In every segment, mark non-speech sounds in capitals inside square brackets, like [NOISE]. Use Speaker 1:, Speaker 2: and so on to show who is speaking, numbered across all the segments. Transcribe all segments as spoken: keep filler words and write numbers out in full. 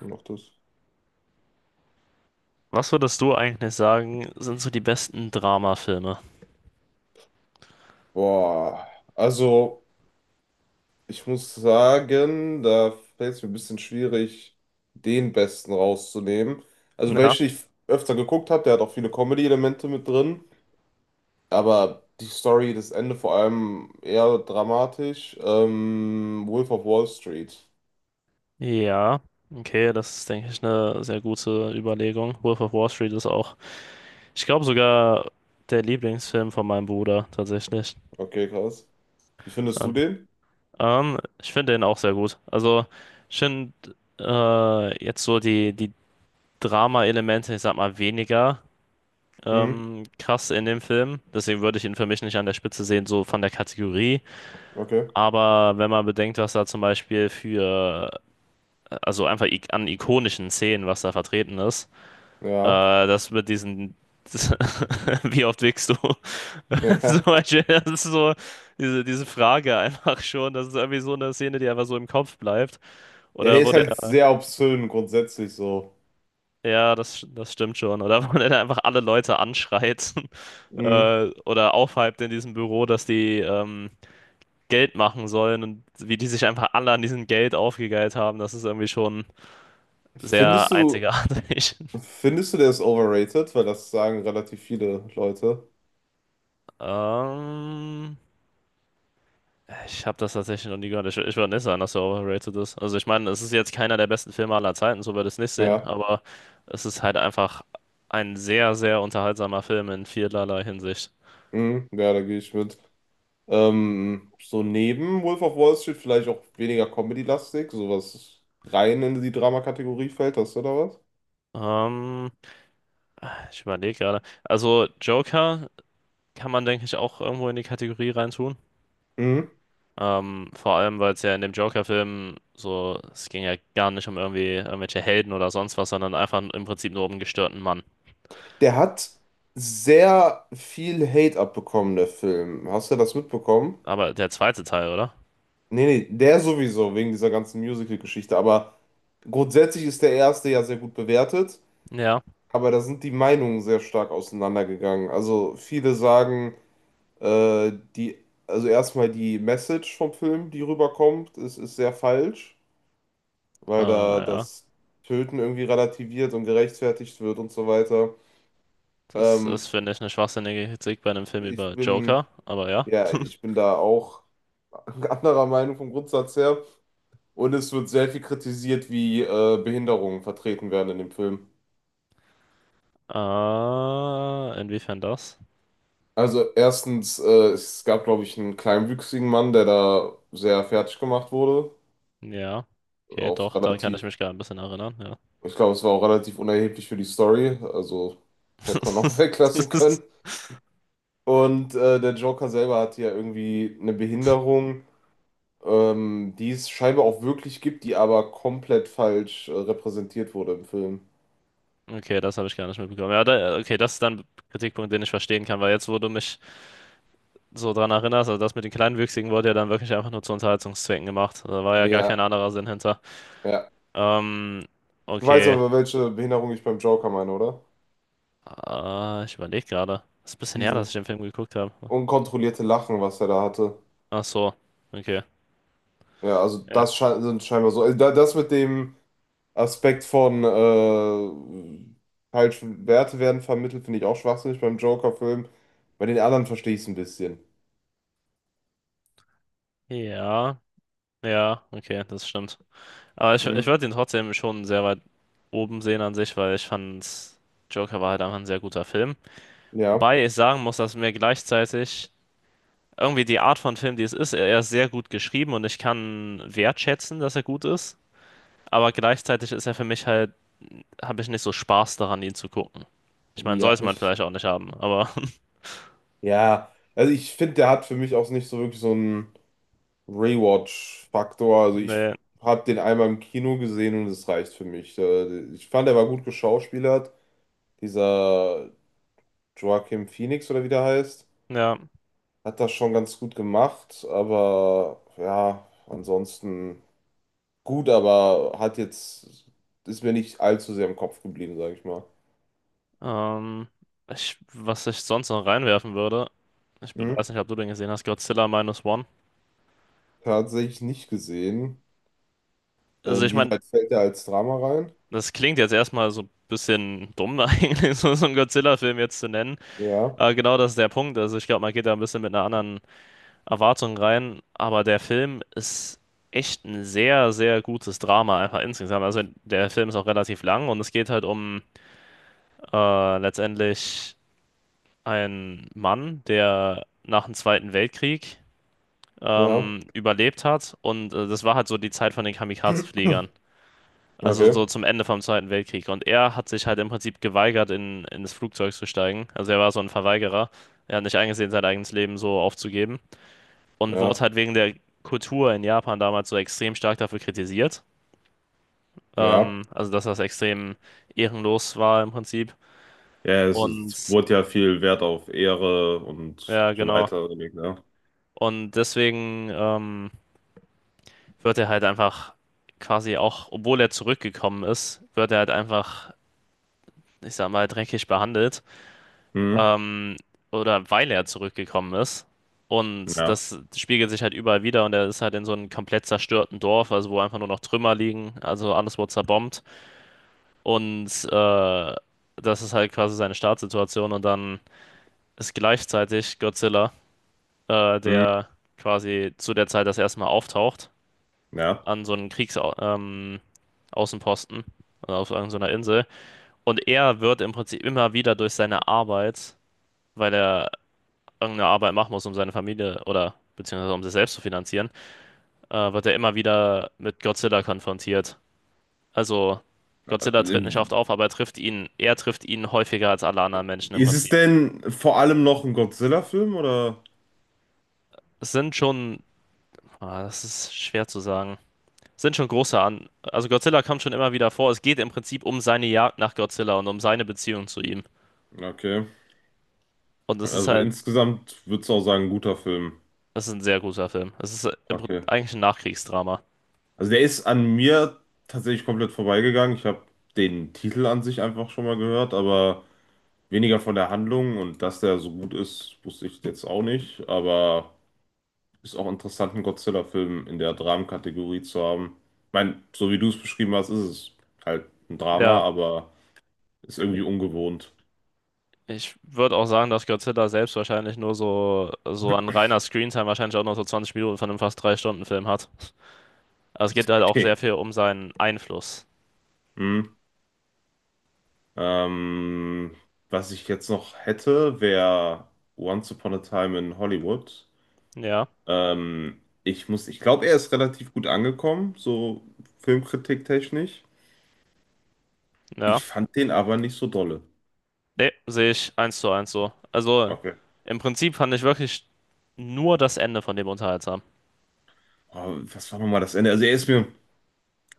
Speaker 1: Noch das.
Speaker 2: Was würdest du eigentlich sagen, sind so die besten Dramafilme?
Speaker 1: Boah, also ich muss sagen, da fällt es mir ein bisschen schwierig, den Besten rauszunehmen. Also
Speaker 2: Ja.
Speaker 1: welchen ich öfter geguckt habe, der hat auch viele Comedy-Elemente mit drin. Aber die Story, das Ende vor allem eher dramatisch. Ähm, Wolf of Wall Street.
Speaker 2: Ja, okay, das ist, denke ich, eine sehr gute Überlegung. Wolf of Wall Street ist auch, ich glaube, sogar der Lieblingsfilm von meinem Bruder tatsächlich.
Speaker 1: Okay, krass. Wie findest du
Speaker 2: Dann.
Speaker 1: den?
Speaker 2: Ähm, ich finde den auch sehr gut. Also, ich finde äh, jetzt so die, die Drama-Elemente, ich sag mal, weniger
Speaker 1: Hm,
Speaker 2: ähm, krass in dem Film. Deswegen würde ich ihn für mich nicht an der Spitze sehen, so von der Kategorie.
Speaker 1: okay.
Speaker 2: Aber wenn man bedenkt, was da zum Beispiel für, also einfach ik an ikonischen Szenen, was da vertreten ist. Äh,
Speaker 1: Ja.
Speaker 2: das mit diesen, [LAUGHS] wie oft wickst du? [LAUGHS] Zum
Speaker 1: [LAUGHS]
Speaker 2: Beispiel, das ist so diese, diese Frage einfach schon. Das ist irgendwie so eine Szene, die einfach so im Kopf bleibt.
Speaker 1: Ja, der
Speaker 2: Oder
Speaker 1: ist
Speaker 2: wo der,
Speaker 1: halt sehr obszön grundsätzlich so.
Speaker 2: ja, das, das stimmt schon. Oder wo der dann einfach alle Leute anschreit, [LAUGHS]
Speaker 1: Hm.
Speaker 2: äh, oder aufhypt in diesem Büro, dass die ähm, Geld machen sollen, und wie die sich einfach alle an diesem Geld aufgegeilt haben. Das ist irgendwie schon
Speaker 1: Findest
Speaker 2: sehr
Speaker 1: du.
Speaker 2: einzigartig. [LAUGHS]
Speaker 1: Findest du, der ist overrated? Weil das sagen relativ viele Leute.
Speaker 2: Ähm, Ich habe das tatsächlich noch nie gehört. Ich, ich würde nicht sagen, dass er overrated ist. Also ich meine, es ist jetzt keiner der besten Filme aller Zeiten, so würde ich es nicht sehen,
Speaker 1: Ja,
Speaker 2: aber es ist halt einfach ein sehr, sehr unterhaltsamer Film in vielerlei Hinsicht.
Speaker 1: mhm. Ja, da gehe ich mit. Ähm, so neben Wolf of Wall Street vielleicht auch weniger Comedy-lastig, sowas rein in die Drama-Kategorie fällt, hast du da was?
Speaker 2: Ähm, Ich überlege gerade. Also Joker kann man, denke ich, auch irgendwo in die Kategorie reintun.
Speaker 1: Mhm.
Speaker 2: Ähm, vor allem, weil es ja in dem Joker-Film so, es ging ja gar nicht um irgendwie irgendwelche Helden oder sonst was, sondern einfach im Prinzip nur um einen gestörten Mann.
Speaker 1: Der hat sehr viel Hate abbekommen, der Film. Hast du das mitbekommen?
Speaker 2: Aber der zweite Teil, oder?
Speaker 1: Nee, nee, der sowieso, wegen dieser ganzen Musical-Geschichte. Aber grundsätzlich ist der erste ja sehr gut bewertet.
Speaker 2: Ja.
Speaker 1: Aber da sind die Meinungen sehr stark auseinandergegangen. Also viele sagen, Äh, die, also erstmal die Message vom Film, die rüberkommt, ist, ist sehr falsch, weil
Speaker 2: Ah,
Speaker 1: da
Speaker 2: ja.
Speaker 1: das Töten irgendwie relativiert und gerechtfertigt wird und so weiter.
Speaker 2: Das ist,
Speaker 1: Ähm,
Speaker 2: finde ich, eine schwachsinnige Kritik bei einem Film
Speaker 1: ich
Speaker 2: über Joker,
Speaker 1: bin,
Speaker 2: aber ja.
Speaker 1: ja, ich bin da auch [LAUGHS] anderer Meinung vom Grundsatz her. Und es wird sehr viel kritisiert, wie äh, Behinderungen vertreten werden in dem Film.
Speaker 2: Ah, inwiefern das?
Speaker 1: Also erstens, äh, es gab, glaube ich, einen kleinwüchsigen Mann, der da sehr fertig gemacht wurde.
Speaker 2: Ja. Okay,
Speaker 1: Auch
Speaker 2: doch, da kann ich
Speaker 1: relativ.
Speaker 2: mich gerade ein bisschen erinnern, ja.
Speaker 1: Ich glaube, es war auch relativ unerheblich für die Story, also hätte man auch [LAUGHS] weglassen
Speaker 2: [LAUGHS]
Speaker 1: können. Und äh, der Joker selber hatte ja irgendwie eine Behinderung, ähm, die es scheinbar auch wirklich gibt, die aber komplett falsch äh, repräsentiert wurde im Film.
Speaker 2: Okay, das habe ich gar nicht mitbekommen. Ja, da, okay, das ist dann ein Kritikpunkt, den ich verstehen kann, weil jetzt, wo du mich so dran erinnerst, also das mit den Kleinwüchsigen wurde ja dann wirklich einfach nur zu Unterhaltungszwecken gemacht. Da war ja
Speaker 1: Nee,
Speaker 2: gar kein
Speaker 1: ja,
Speaker 2: anderer Sinn hinter.
Speaker 1: ja.
Speaker 2: Ähm,
Speaker 1: Du weißt
Speaker 2: okay.
Speaker 1: aber, welche Behinderung ich beim Joker meine, oder?
Speaker 2: Ah, ich überlege gerade. Ist ein bisschen her, dass
Speaker 1: Dieses
Speaker 2: ich den Film geguckt habe.
Speaker 1: unkontrollierte Lachen, was er da hatte.
Speaker 2: Ach so, okay.
Speaker 1: Ja, also
Speaker 2: Ja.
Speaker 1: das scheint, sind scheinbar so. Also da, das mit dem Aspekt von äh, falsche Werte werden vermittelt, finde ich auch schwachsinnig beim Joker-Film. Bei den anderen verstehe ich es ein bisschen.
Speaker 2: Ja, ja, okay, das stimmt. Aber ich, ich
Speaker 1: Hm?
Speaker 2: würde ihn trotzdem schon sehr weit oben sehen an sich, weil ich fand, Joker war halt einfach ein sehr guter Film.
Speaker 1: Ja,
Speaker 2: Wobei ich sagen muss, dass mir gleichzeitig irgendwie die Art von Film, die es ist, er er ist sehr gut geschrieben, und ich kann wertschätzen, dass er gut ist. Aber gleichzeitig ist er für mich halt, habe ich nicht so Spaß daran, ihn zu gucken. Ich meine,
Speaker 1: ja,
Speaker 2: sollte man
Speaker 1: ich,
Speaker 2: vielleicht auch nicht haben, aber
Speaker 1: ja. Also ich finde, der hat für mich auch nicht so wirklich so einen Rewatch-Faktor. Also ich
Speaker 2: [LAUGHS] nee,
Speaker 1: habe den einmal im Kino gesehen und es reicht für mich. Äh, Ich fand, er war gut geschauspielert. Dieser Joaquin Phoenix oder wie der heißt,
Speaker 2: ja.
Speaker 1: hat das schon ganz gut gemacht. Aber ja, ansonsten. Gut, aber hat jetzt, ist mir nicht allzu sehr im Kopf geblieben, sage ich mal.
Speaker 2: Ähm, ich, was ich sonst noch reinwerfen würde, ich be-
Speaker 1: Hm?
Speaker 2: weiß nicht, ob du den gesehen hast: Godzilla Minus One.
Speaker 1: Tatsächlich nicht gesehen.
Speaker 2: Also ich meine,
Speaker 1: Inwieweit fällt er als Drama rein?
Speaker 2: das klingt jetzt erstmal so ein bisschen dumm [LAUGHS] eigentlich, so, so, einen Godzilla-Film jetzt zu nennen.
Speaker 1: Ja,
Speaker 2: Aber genau das ist der Punkt. Also ich glaube, man geht da ein bisschen mit einer anderen Erwartung rein. Aber der Film ist echt ein sehr, sehr gutes Drama einfach insgesamt. Also der Film ist auch relativ lang, und es geht halt um äh, letztendlich einen Mann, der nach dem Zweiten Weltkrieg
Speaker 1: ja.
Speaker 2: ähm, überlebt hat. Und äh, das war halt so die Zeit von den Kamikaze-Fliegern.
Speaker 1: [CLEARS THROAT]
Speaker 2: Also so
Speaker 1: Okay,
Speaker 2: zum Ende vom Zweiten Weltkrieg. Und er hat sich halt im Prinzip geweigert, in, in das Flugzeug zu steigen. Also er war so ein Verweigerer. Er hat nicht eingesehen, sein eigenes Leben so aufzugeben. Und wurde
Speaker 1: ja,
Speaker 2: halt wegen der Kultur in Japan damals so extrem stark dafür kritisiert.
Speaker 1: ja.
Speaker 2: Ähm, also dass das extrem ehrenlos war im Prinzip.
Speaker 1: Ja, es,
Speaker 2: Und
Speaker 1: es wurde ja viel Wert auf Ehre und
Speaker 2: ja,
Speaker 1: so
Speaker 2: genau.
Speaker 1: weiter gelegt, ne?
Speaker 2: Und deswegen, ähm, wird er halt einfach quasi auch, obwohl er zurückgekommen ist, wird er halt einfach, ich sag mal, dreckig behandelt.
Speaker 1: Hm,
Speaker 2: Ähm, oder weil er zurückgekommen ist. Und
Speaker 1: ja,
Speaker 2: das spiegelt sich halt überall wieder, und er ist halt in so einem komplett zerstörten Dorf, also wo einfach nur noch Trümmer liegen, also alles wurde zerbombt. Und äh, das ist halt quasi seine Startsituation. Und dann ist gleichzeitig Godzilla, äh,
Speaker 1: hm,
Speaker 2: der quasi zu der Zeit das erste Mal auftaucht
Speaker 1: ja.
Speaker 2: an so einen Kriegsaußenposten, ähm, Außenposten, also auf irgendeiner Insel. Und er wird im Prinzip immer wieder durch seine Arbeit, weil er irgendeine Arbeit machen muss, um seine Familie oder beziehungsweise um sich selbst zu finanzieren, äh, wird er immer wieder mit Godzilla konfrontiert. Also Godzilla tritt nicht
Speaker 1: Äh,
Speaker 2: oft auf, aber er trifft ihn, er trifft ihn häufiger als alle anderen Menschen im
Speaker 1: Ist es
Speaker 2: Prinzip.
Speaker 1: denn vor allem noch ein Godzilla-Film oder?
Speaker 2: Es sind schon, ah, das ist schwer zu sagen. Es sind schon große an. Also Godzilla kommt schon immer wieder vor. Es geht im Prinzip um seine Jagd nach Godzilla und um seine Beziehung zu ihm.
Speaker 1: Okay.
Speaker 2: Und es ist
Speaker 1: Also
Speaker 2: halt,
Speaker 1: insgesamt würdest du auch sagen, guter Film.
Speaker 2: es ist ein sehr guter Film. Es ist im Prin-
Speaker 1: Okay.
Speaker 2: eigentlich ein Nachkriegsdrama.
Speaker 1: Also der ist an mir tatsächlich komplett vorbeigegangen. Ich habe den Titel an sich einfach schon mal gehört, aber weniger von der Handlung, und dass der so gut ist, wusste ich jetzt auch nicht. Aber ist auch interessant, einen Godzilla-Film in der Dramenkategorie zu haben. Ich meine, so wie du es beschrieben hast, ist es halt ein Drama,
Speaker 2: Ja,
Speaker 1: aber ist irgendwie ungewohnt.
Speaker 2: ich würde auch sagen, dass Godzilla selbst wahrscheinlich nur so, so, an
Speaker 1: [LAUGHS]
Speaker 2: reiner Screentime wahrscheinlich auch nur so zwanzig Minuten von einem fast drei Stunden Film hat. Aber es geht halt auch
Speaker 1: Okay.
Speaker 2: sehr viel um seinen Einfluss.
Speaker 1: Hm. Ähm, was ich jetzt noch hätte, wäre Once Upon a Time in Hollywood.
Speaker 2: Ja,
Speaker 1: Ähm, ich muss, ich glaube, er ist relativ gut angekommen, so filmkritiktechnisch. Ich
Speaker 2: ja.
Speaker 1: fand den aber nicht so dolle.
Speaker 2: Nee, sehe ich eins zu eins so. Also
Speaker 1: Okay.
Speaker 2: im Prinzip fand ich wirklich nur das Ende von dem unterhaltsam.
Speaker 1: Aber was war nochmal das Ende? Also er ist mir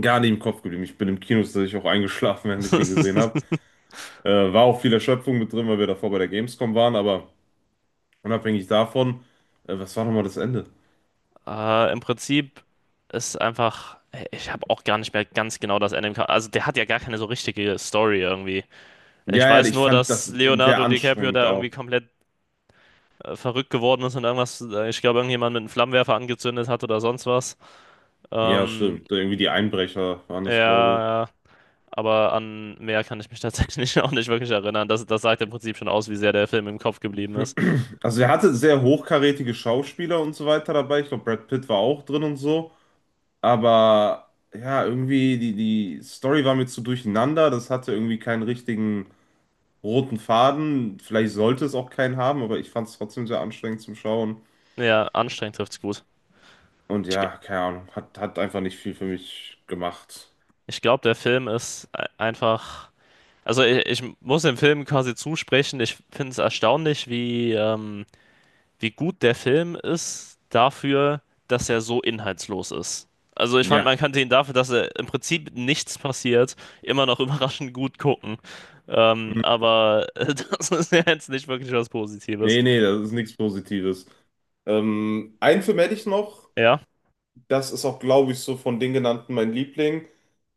Speaker 1: gar nicht im Kopf geblieben. Ich bin im Kino tatsächlich auch eingeschlafen, während [LAUGHS] ich den
Speaker 2: [LAUGHS]
Speaker 1: gesehen habe. Äh, war auch viel Erschöpfung mit drin, weil wir davor bei der Gamescom waren, aber unabhängig davon, äh, was war nochmal das Ende?
Speaker 2: Äh, im Prinzip ist einfach, ich habe auch gar nicht mehr ganz genau das Ende im Kopf. Also der hat ja gar keine so richtige Story irgendwie. Ich
Speaker 1: Ja, ja,
Speaker 2: weiß
Speaker 1: ich
Speaker 2: nur,
Speaker 1: fand
Speaker 2: dass
Speaker 1: das, den sehr
Speaker 2: Leonardo DiCaprio
Speaker 1: anstrengend
Speaker 2: da
Speaker 1: auch.
Speaker 2: irgendwie komplett äh, verrückt geworden ist und irgendwas, äh, ich glaube, irgendjemand mit einem Flammenwerfer angezündet hat oder sonst was.
Speaker 1: Ja,
Speaker 2: Ähm,
Speaker 1: stimmt. Irgendwie die Einbrecher waren
Speaker 2: ja,
Speaker 1: das, glaube ich.
Speaker 2: ja, aber an mehr kann ich mich tatsächlich [LAUGHS] auch nicht wirklich erinnern. Das, das sagt im Prinzip schon aus, wie sehr der Film im Kopf geblieben ist.
Speaker 1: Also er hatte sehr hochkarätige Schauspieler und so weiter dabei. Ich glaube, Brad Pitt war auch drin und so. Aber ja, irgendwie die, die Story war mir zu durcheinander. Das hatte irgendwie keinen richtigen roten Faden. Vielleicht sollte es auch keinen haben, aber ich fand es trotzdem sehr anstrengend zum Schauen.
Speaker 2: Ja, anstrengend trifft's gut.
Speaker 1: Und
Speaker 2: Ich, ge-
Speaker 1: ja, keine Ahnung, hat, hat einfach nicht viel für mich gemacht.
Speaker 2: ich glaube, der Film ist ei- einfach. Also, ich, ich muss dem Film quasi zusprechen. Ich finde es erstaunlich, wie. Ähm, wie gut der Film ist dafür, dass er so inhaltslos ist. Also ich fand,
Speaker 1: Ja,
Speaker 2: man kannte ihn dafür, dass er, im Prinzip nichts passiert, immer noch [LAUGHS] überraschend gut gucken. Ähm,
Speaker 1: hm.
Speaker 2: aber äh, [LAUGHS] das ist ja jetzt nicht wirklich was Positives.
Speaker 1: Nee, nee, das ist nichts Positives. Ähm, einen Film hätte ich noch.
Speaker 2: Ja,
Speaker 1: Das ist auch, glaube ich, so von den genannten mein Liebling.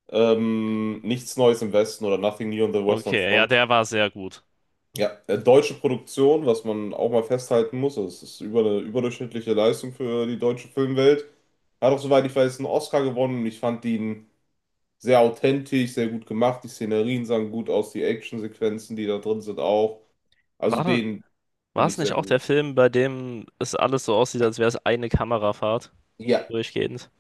Speaker 1: Ähm, nichts Neues im Westen oder Nothing New on the Western
Speaker 2: okay, ja,
Speaker 1: Front.
Speaker 2: der war sehr gut.
Speaker 1: Ja, äh, deutsche Produktion, was man auch mal festhalten muss, also es ist über eine überdurchschnittliche Leistung für die deutsche Filmwelt. Hat auch, soweit ich weiß, einen Oscar gewonnen und ich fand ihn sehr authentisch, sehr gut gemacht. Die Szenerien sahen gut aus, die Actionsequenzen, die da drin sind, auch. Also
Speaker 2: War das,
Speaker 1: den
Speaker 2: war
Speaker 1: finde
Speaker 2: es
Speaker 1: ich
Speaker 2: nicht
Speaker 1: sehr
Speaker 2: auch
Speaker 1: gut.
Speaker 2: der Film, bei dem es alles so aussieht, als wäre es eine Kamerafahrt
Speaker 1: Ja.
Speaker 2: durchgehend?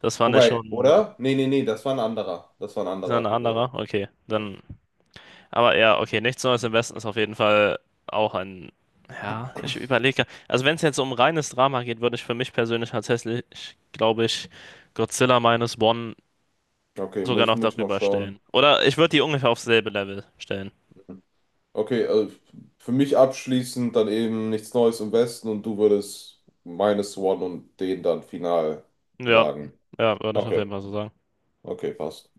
Speaker 2: Das war nicht
Speaker 1: Wobei,
Speaker 2: schon
Speaker 1: oder? Nee, nee, nee, das war ein anderer. Das war ein
Speaker 2: ist das ein
Speaker 1: anderer. Äh,
Speaker 2: anderer? Okay,
Speaker 1: ja.
Speaker 2: dann. Aber ja, okay, nichts Neues im Westen ist auf jeden Fall auch ein. Ja, ich überlege. Also, wenn es jetzt um reines Drama geht, würde ich für mich persönlich tatsächlich, glaube ich, Godzilla Minus One
Speaker 1: Okay,
Speaker 2: sogar
Speaker 1: muss ich,
Speaker 2: noch
Speaker 1: muss ich noch
Speaker 2: darüber
Speaker 1: schauen.
Speaker 2: stellen. Oder ich würde die ungefähr aufs selbe Level stellen.
Speaker 1: Okay, also für mich abschließend dann eben nichts Neues im Westen und du würdest Minus One und den dann final
Speaker 2: Ja,
Speaker 1: sagen.
Speaker 2: ja, würde ich auf
Speaker 1: Okay,
Speaker 2: jeden Fall so sagen.
Speaker 1: okay, passt.